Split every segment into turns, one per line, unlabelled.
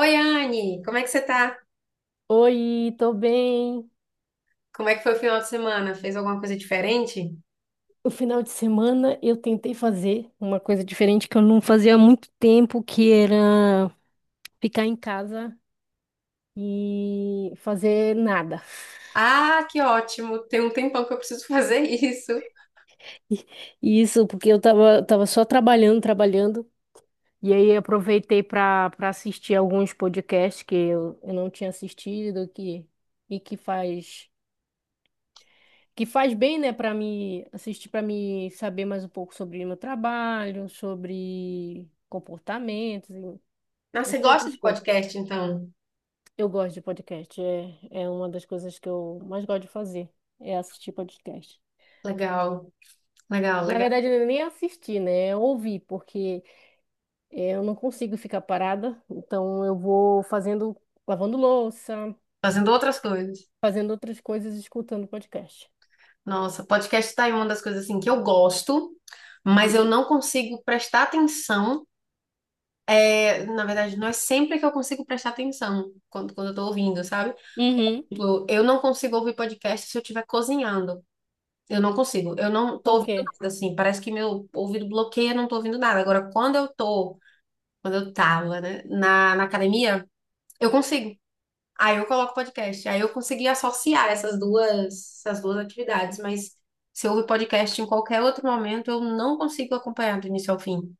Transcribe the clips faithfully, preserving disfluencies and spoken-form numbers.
Oi, Anne, como é que você tá?
Oi, tô bem.
Como é que foi o final de semana? Fez alguma coisa diferente?
No final de semana eu tentei fazer uma coisa diferente que eu não fazia há muito tempo, que era ficar em casa e fazer nada.
Ah, que ótimo! Tem um tempão que eu preciso fazer isso.
E e isso porque eu tava, tava só trabalhando, trabalhando. E aí aproveitei para para assistir alguns podcasts que eu, eu não tinha assistido que, e que faz que faz bem, né, para me assistir, para me saber mais um pouco sobre o meu trabalho, sobre comportamentos.
Nossa, você
Entre
gosta
outras
de
coisas,
podcast, então?
eu gosto de podcast. É, é uma das coisas que eu mais gosto de fazer, é assistir podcast.
Legal, legal,
Na
legal.
verdade, eu nem assistir, né? É ouvir, porque é, eu não consigo ficar parada. Então, eu vou fazendo, lavando louça,
Fazendo outras coisas.
fazendo outras coisas, escutando podcast.
Nossa, podcast tá aí uma das coisas assim que eu gosto, mas eu
Hum.
não consigo prestar atenção. É, na verdade, não é sempre que eu consigo prestar atenção quando, quando eu tô ouvindo, sabe?
Uhum.
Tipo, Eu não consigo ouvir podcast se eu estiver cozinhando. Eu não consigo. Eu não tô
Por
ouvindo
quê?
nada, assim. Parece que meu ouvido bloqueia, eu não tô ouvindo nada. Agora, quando eu tô, quando eu tava, né, na, na academia, eu consigo. Aí eu coloco podcast. Aí eu consegui associar essas duas, essas duas atividades. Mas se eu ouvir podcast em qualquer outro momento, eu não consigo acompanhar do início ao fim.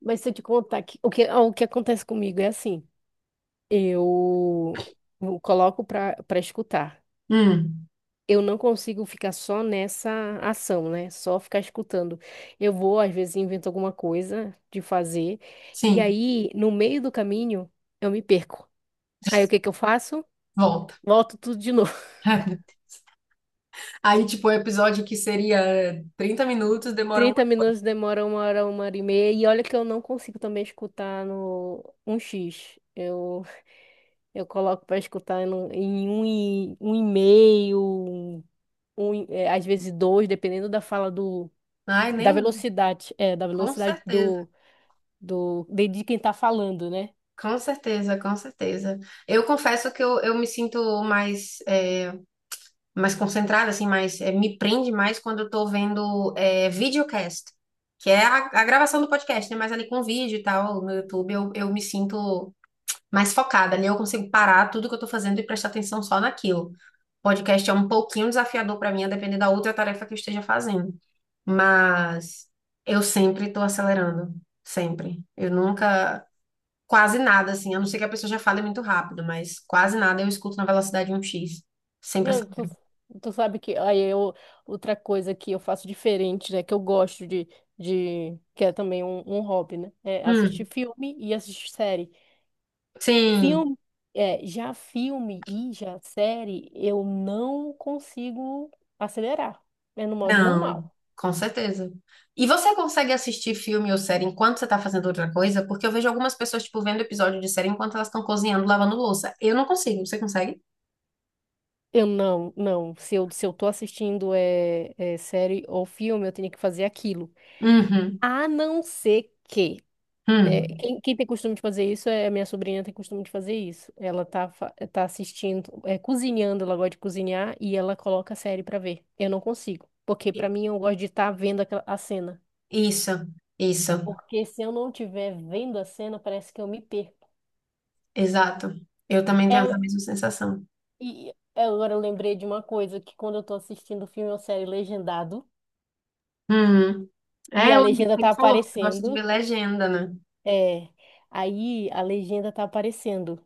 Mas se eu te contar que, o que, ah, o que acontece comigo é assim, eu eu coloco para para escutar.
Hum,
Eu não consigo ficar só nessa ação, né? Só ficar escutando. Eu vou, às vezes, invento alguma coisa de fazer, e
sim.
aí, no meio do caminho, eu me perco. Aí, o que que eu faço?
Volta.
Volto tudo de novo.
Aí, tipo, o episódio que seria trinta minutos demora um.
Trinta minutos demora uma hora, uma hora e meia, e olha que eu não consigo também escutar no um x. Eu, eu coloco para escutar no- em um e, um e meio, um, um e- é, às vezes dois, dependendo da fala do,
Ai,
da
nem.
velocidade, é, da
Com
velocidade
certeza.
do de, de quem tá falando, né?
Com certeza, com certeza. Eu confesso que eu, eu me sinto mais, é, mais concentrada, assim, mais, é, me prende mais quando eu tô vendo é, videocast, que é a, a gravação do podcast, né? Mas ali com vídeo e tal, no YouTube, eu, eu me sinto mais focada, ali eu consigo parar tudo que eu tô fazendo e prestar atenção só naquilo. Podcast é um pouquinho desafiador para mim, a depender da outra tarefa que eu esteja fazendo. Mas eu sempre tô acelerando, sempre. Eu nunca quase nada, assim, a não ser que a pessoa já fale muito rápido, mas quase nada eu escuto na velocidade um x. Sempre essa.
Não, tu, tu sabe que aí eu, outra coisa que eu faço diferente, né? Que eu gosto de, de que é também um, um hobby, né? É assistir
Hum,
filme e assistir série.
sim,
Filme, é, já filme e já série, eu não consigo acelerar. É no modo
não,
normal.
com certeza. E você consegue assistir filme ou série enquanto você tá fazendo outra coisa? Porque eu vejo algumas pessoas, tipo, vendo episódio de série enquanto elas estão cozinhando, lavando louça. Eu não consigo, você consegue?
Eu não, não. Se eu, se eu tô assistindo é, é série ou filme, eu tenho que fazer aquilo.
Uhum,
A não ser que. É,
hum.
quem, quem tem costume de fazer isso é a minha sobrinha tem costume de fazer isso. Ela tá, fa- tá assistindo, é, cozinhando, ela gosta de cozinhar e ela coloca a série pra ver. Eu não consigo, porque pra mim eu gosto de estar vendo aquela- a cena.
Isso, isso,
Porque se eu não estiver vendo a cena, parece que eu me perco.
exato. Eu também tenho essa
É,
mesma sensação.
e é, agora eu lembrei de uma coisa, que quando eu tô assistindo filme ou série legendado
Uhum.
e
É,
a
o que
legenda
você
tá
falou, que você gosta de
aparecendo.
ver legenda, né?
é, Aí a legenda tá aparecendo.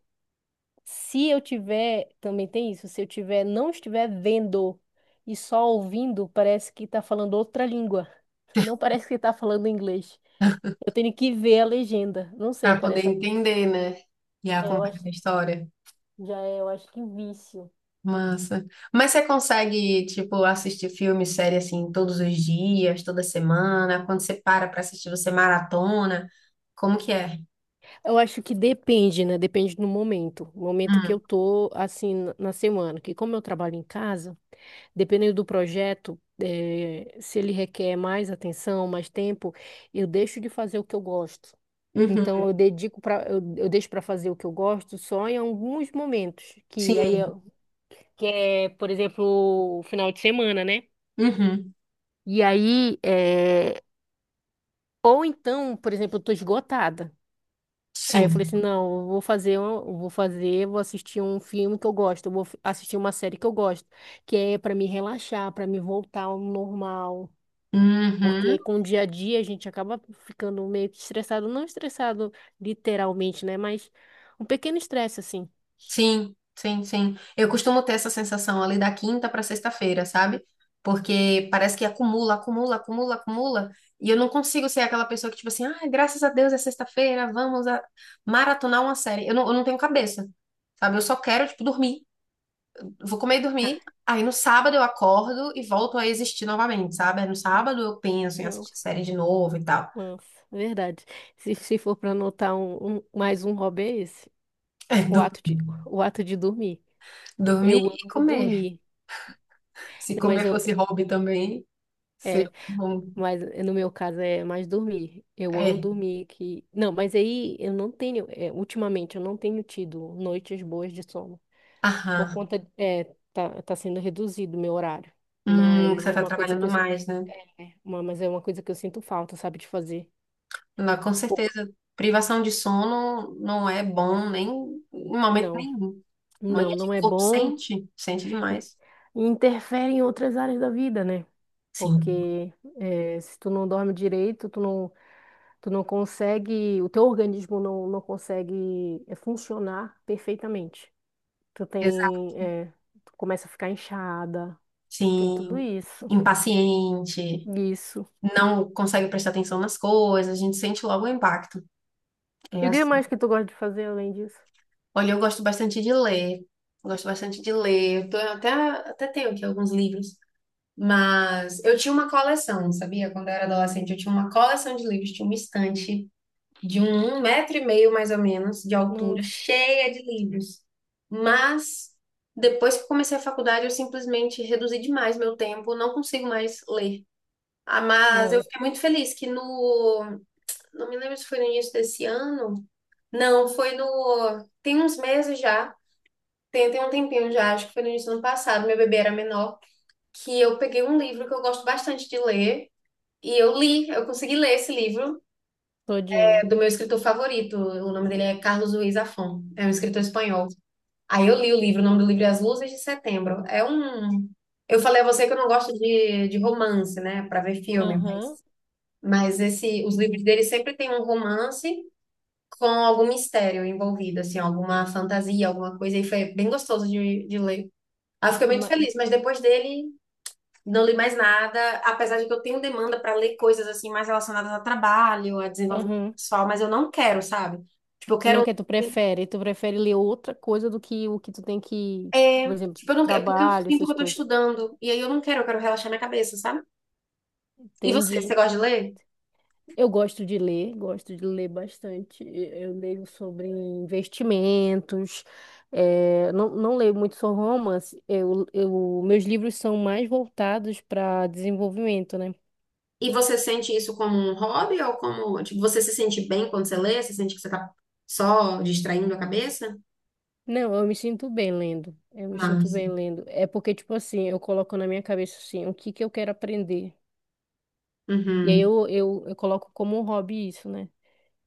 Se eu tiver, também tem isso, se eu tiver, não estiver vendo e só ouvindo, parece que tá falando outra língua. Não parece que tá falando inglês. Eu tenho que ver a legenda. Não sei,
Para poder
parece.
entender, né? E
É, eu
acompanhar a
acho,
história.
já é, eu acho que vício.
Massa. Mas você consegue, tipo, assistir filme, série, assim, todos os dias, toda semana? Quando você para pra assistir, você maratona? Como que é?
Eu acho que depende, né? Depende do momento. O momento que
Hum.
eu tô, assim, na na semana. Que como eu trabalho em casa, dependendo do projeto, eh, se ele requer mais atenção, mais tempo, eu deixo de fazer o que eu gosto.
Uhum.
Então eu dedico para eu, eu deixo para fazer o que eu gosto só em alguns momentos, que aí é,
Sim.
que é, por exemplo, o final de semana, né?
Uhum.
E aí é, ou então, por exemplo, eu tô esgotada. Aí eu falei
Sim.
assim, não, eu vou fazer, um- eu vou fazer, vou assistir um filme que eu gosto, eu vou f- assistir uma série que eu gosto, que é para me relaxar, para me voltar ao normal.
Uhum.
Porque com o dia a dia a gente acaba ficando meio que estressado, não estressado literalmente, né? Mas um pequeno estresse assim.
Sim, sim, sim. Eu costumo ter essa sensação ali da quinta para sexta-feira, sabe? Porque parece que acumula, acumula, acumula, acumula. E eu não consigo ser aquela pessoa que, tipo assim, ah, graças a Deus é sexta-feira, vamos a- maratonar uma série. Eu não, eu não tenho cabeça, sabe? Eu só quero, tipo, dormir. Vou comer e dormir. Aí no sábado eu acordo e volto a existir novamente, sabe? Aí no sábado eu penso em assistir
Nossa,
série de novo e tal.
nossa, verdade. Se, se for para anotar um, um- mais um hobby é esse,
É,
o
dur-
ato de, o ato de dormir.
dormir
Eu
e
amo
comer.
dormir,
Se
mas
comer
eu
fosse hobby também, seria
é,
bom.
mas no meu caso é mais dormir. Eu amo
É.
dormir que não, mas aí eu não tenho, é, ultimamente eu não tenho tido noites boas de sono por
Aham.
conta é tá, tá sendo reduzido o meu horário,
Hum, que
mas
você
é
está
uma coisa que
trabalhando
eu
mais, né?
é, uma, mas é uma coisa que eu sinto falta, sabe, de fazer.
Não, com
Pô,
certeza, privação de sono não é bom nem em momento
não,
nenhum.
não,
E
não
o
é
corpo
bom.
sente, sente demais.
E interfere em outras áreas da vida, né?
Sim,
Porque eh, se tu não dorme direito, tu não, tu não consegue, o teu organismo não, não consegue eh, funcionar perfeitamente. Tu
exato.
tem, eh, tu começa a ficar inchada, tem tudo
Sim,
isso.
impaciente,
Isso.
não consegue prestar atenção nas coisas, a gente sente logo o impacto. É
E o que
assim.
mais que tu gosta de fazer além disso?
Olha, eu gosto bastante de ler, gosto bastante de ler. Eu tô- eu até, até tenho aqui alguns livros, mas eu tinha uma coleção, sabia? Quando eu era adolescente, eu tinha uma coleção de livros, tinha uma estante de um, um metro e meio, mais ou menos, de altura,
Nossa.
cheia de livros. Mas depois que comecei a faculdade, eu simplesmente reduzi demais meu tempo, não consigo mais ler. Ah, mas eu
Não,
fiquei muito feliz que no. Não me lembro se foi no início desse ano. Não, foi no. Tem uns meses já. Tem, tem um tempinho já, acho que foi no início do ano passado, meu bebê era menor, que eu peguei um livro que eu gosto bastante de ler, e eu li, eu consegui ler esse livro,
todinho.
é do meu escritor favorito. O nome dele é Carlos Ruiz Zafón. É um escritor espanhol. Aí eu li o livro, o nome do livro é As Luzes de Setembro. É um. Eu falei a você que eu não gosto de, de romance, né, para ver filme,
Aham.
mas, mas esse, os livros dele sempre tem um romance com algum mistério envolvido, assim, alguma fantasia, alguma coisa, e foi bem gostoso de, de ler. Aí eu fiquei muito
ma-
feliz, mas depois dele não li mais nada, apesar de que eu tenho demanda para ler coisas assim mais relacionadas ao trabalho, a desenvolvimento
Aham.
pessoal, mas eu não quero, sabe? Tipo, eu
Tu não
quero.
quer, tu prefere, tu prefere ler outra coisa do que o que tu tem que, por
É,
exemplo,
tipo, eu não quero, porque eu
trabalho,
sinto que
essas
eu tô
coisas.
estudando, e aí eu não quero, eu quero relaxar minha cabeça, sabe? E você, você
Entendi.
gosta de ler?
Eu gosto de ler, gosto de ler bastante. E- Eu leio sobre investimentos, eh, não, não leio muito sobre romance. Eu, eu, meus livros são mais voltados para desenvolvimento, né?
E você sente isso como um hobby ou como, tipo, você se sente bem quando você lê? Você sente que você tá só distraindo a cabeça?
Não, eu me sinto bem lendo. Eu me sinto
Massa.
bem lendo. É porque, tipo assim, eu coloco na minha cabeça assim, o que que eu quero aprender. E aí
Uhum,
eu, eu, eu coloco como um hobby isso, né?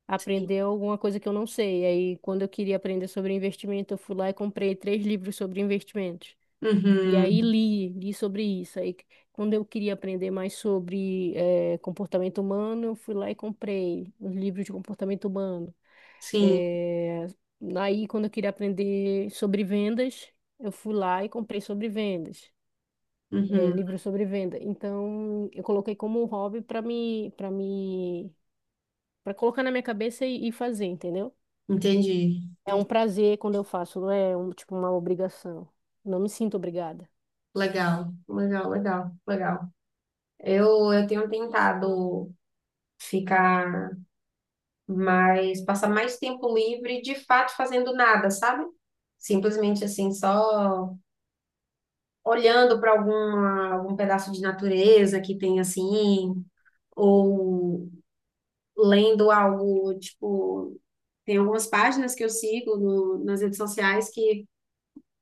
Aprender alguma coisa que eu não sei. E aí, quando eu queria aprender sobre investimento, eu fui lá e comprei três livros sobre investimentos. E aí
uhum,
li, li sobre isso. Aí, quando eu queria aprender mais sobre eh, comportamento humano, eu fui lá e comprei os livros de comportamento humano.
sim,
Eh, aí, quando eu queria aprender sobre vendas, eu fui lá e comprei sobre vendas, eh,
uhum,
livro sobre venda. Então, eu coloquei como um hobby para me, para me, para colocar na minha cabeça e, e fazer, entendeu?
entendi.
É um prazer quando eu faço, não é um, tipo uma obrigação. Não me sinto obrigada.
Legal, legal, legal, legal. Eu, eu tenho tentado ficar mais, passar mais tempo livre, de fato, fazendo nada, sabe? Simplesmente assim, só olhando para alguma, algum pedaço de natureza que tem assim, ou lendo algo, tipo, tem algumas páginas que eu sigo no- nas redes sociais que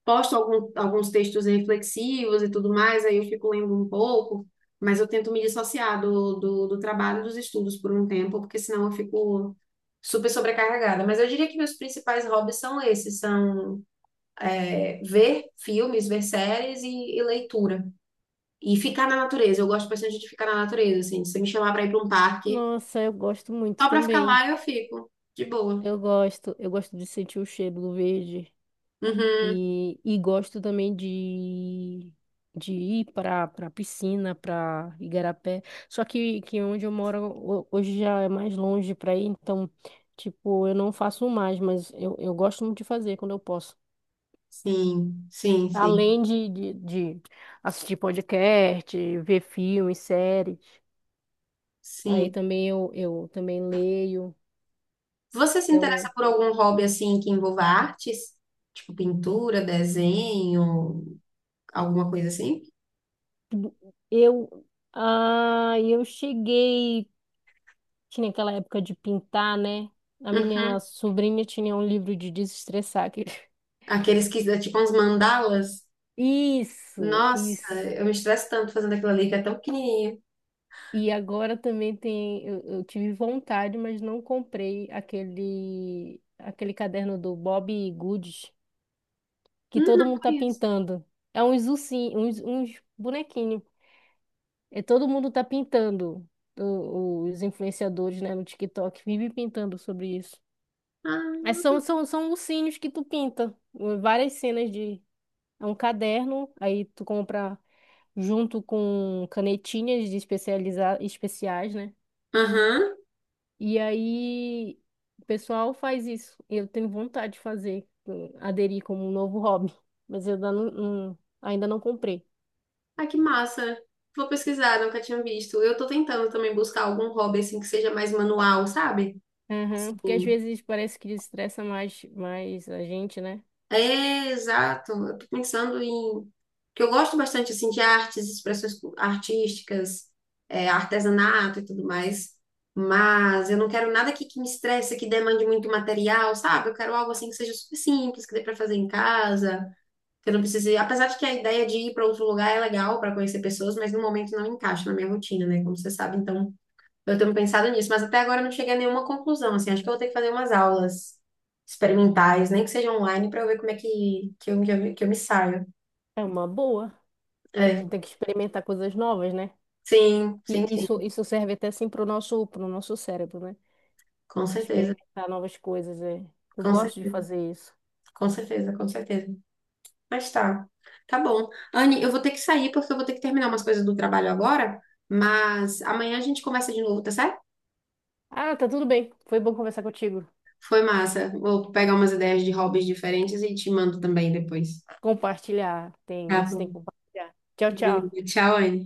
posto algum- alguns textos reflexivos e tudo mais, aí eu fico lendo um pouco, mas eu tento me dissociar do, do, do trabalho e dos estudos por um tempo, porque senão eu fico super sobrecarregada. Mas eu diria que meus principais hobbies são esses, são é, ver filmes, ver séries e, e leitura. E ficar na natureza, eu gosto bastante de ficar na natureza, assim, se você me chamar para ir para um parque,
Nossa, eu gosto muito
só para ficar
também.
lá eu fico, de boa.
Eu gosto, eu gosto de sentir o cheiro do verde
Uhum,
e, e gosto também de, de ir para para piscina, para Igarapé. Só que, que onde eu moro ho- hoje já é mais longe para ir, então, tipo, eu não faço mais, mas eu, eu gosto muito de fazer quando eu posso.
sim, sim, sim,
Além de, de, de assistir podcast, ver filmes, séries. Aí
sim.
também eu, eu também leio.
Você se
Então,
interessa por algum hobby assim que envolva artes? Tipo pintura, desenho, alguma coisa assim?
eu, eu, ah, eu cheguei. Tinha aquela época de pintar, né? A minha
Uhum.
sobrinha tinha um livro de desestressar. que-
Aqueles que dá tipo uns mandalas.
Isso,
Nossa,
isso.
eu me estresso tanto fazendo aquilo ali que é tão pequenininho.
E agora também tem. Eu, eu tive vontade, mas não comprei aquele, aquele caderno do Bob Goods, que
Hum,
todo
não
mundo tá
conheço.
pintando. É uns ursinhos, uns, uns bonequinhos. É, todo mundo tá pintando. O- os influenciadores, né, no TikTok, vivem pintando sobre isso. Mas
Ah.
são, são, são ursinhos que tu pinta. Várias cenas de. É um caderno, aí tu compra junto com canetinhas de especializar, especiais, né?
Aham.
E aí o pessoal faz isso. Eu tenho vontade de fazer, hum, aderir como um novo hobby, mas eu ainda não, não- ainda não comprei.
Ah, que massa. Vou pesquisar, nunca tinha visto. Eu tô tentando também buscar algum hobby assim que seja mais manual, sabe?
Aham,
Assim,
porque às vezes parece que estressa mais, mais a gente, né?
é, exato. Eu tô pensando em... que eu gosto bastante, assim, de artes, expressões cu- artísticas, é, artesanato e tudo mais. Mas eu não quero nada que, que me estresse, que demande muito material, sabe? Eu quero algo, assim, que seja super simples, que dê pra fazer em casa, que eu não precise... Apesar de que a ideia de ir para outro lugar é legal para conhecer pessoas, mas no momento não encaixa na minha rotina, né? Como você sabe, então... Eu tenho pensado nisso, mas até agora eu não cheguei a nenhuma conclusão, assim, acho que eu vou ter que fazer umas aulas experimentais, nem que seja online, para eu ver como é que, que, eu, que, eu, me que eu me saio.
É uma boa. A
É,
gente tem que experimentar coisas novas, né?
sim,
E
sim, sim,
isso, isso serve até assim pro nosso, pro nosso cérebro, né?
com certeza,
Experimentar novas coisas, é. Eu
com
gosto de
certeza,
fazer isso.
com certeza, com certeza. Mas tá, tá bom. Anne, eu vou ter que sair porque eu vou ter que terminar umas coisas do trabalho agora, mas amanhã a gente conversa de novo, tá certo?
Ah, tá tudo bem. Foi bom conversar contigo.
Foi massa. Vou pegar umas ideias de hobbies diferentes e te mando também depois.
Compartilhar.
Tá
Tem isso, tem que
bom.
compartilhar. Tchau, tchau.
Tchau, Anne.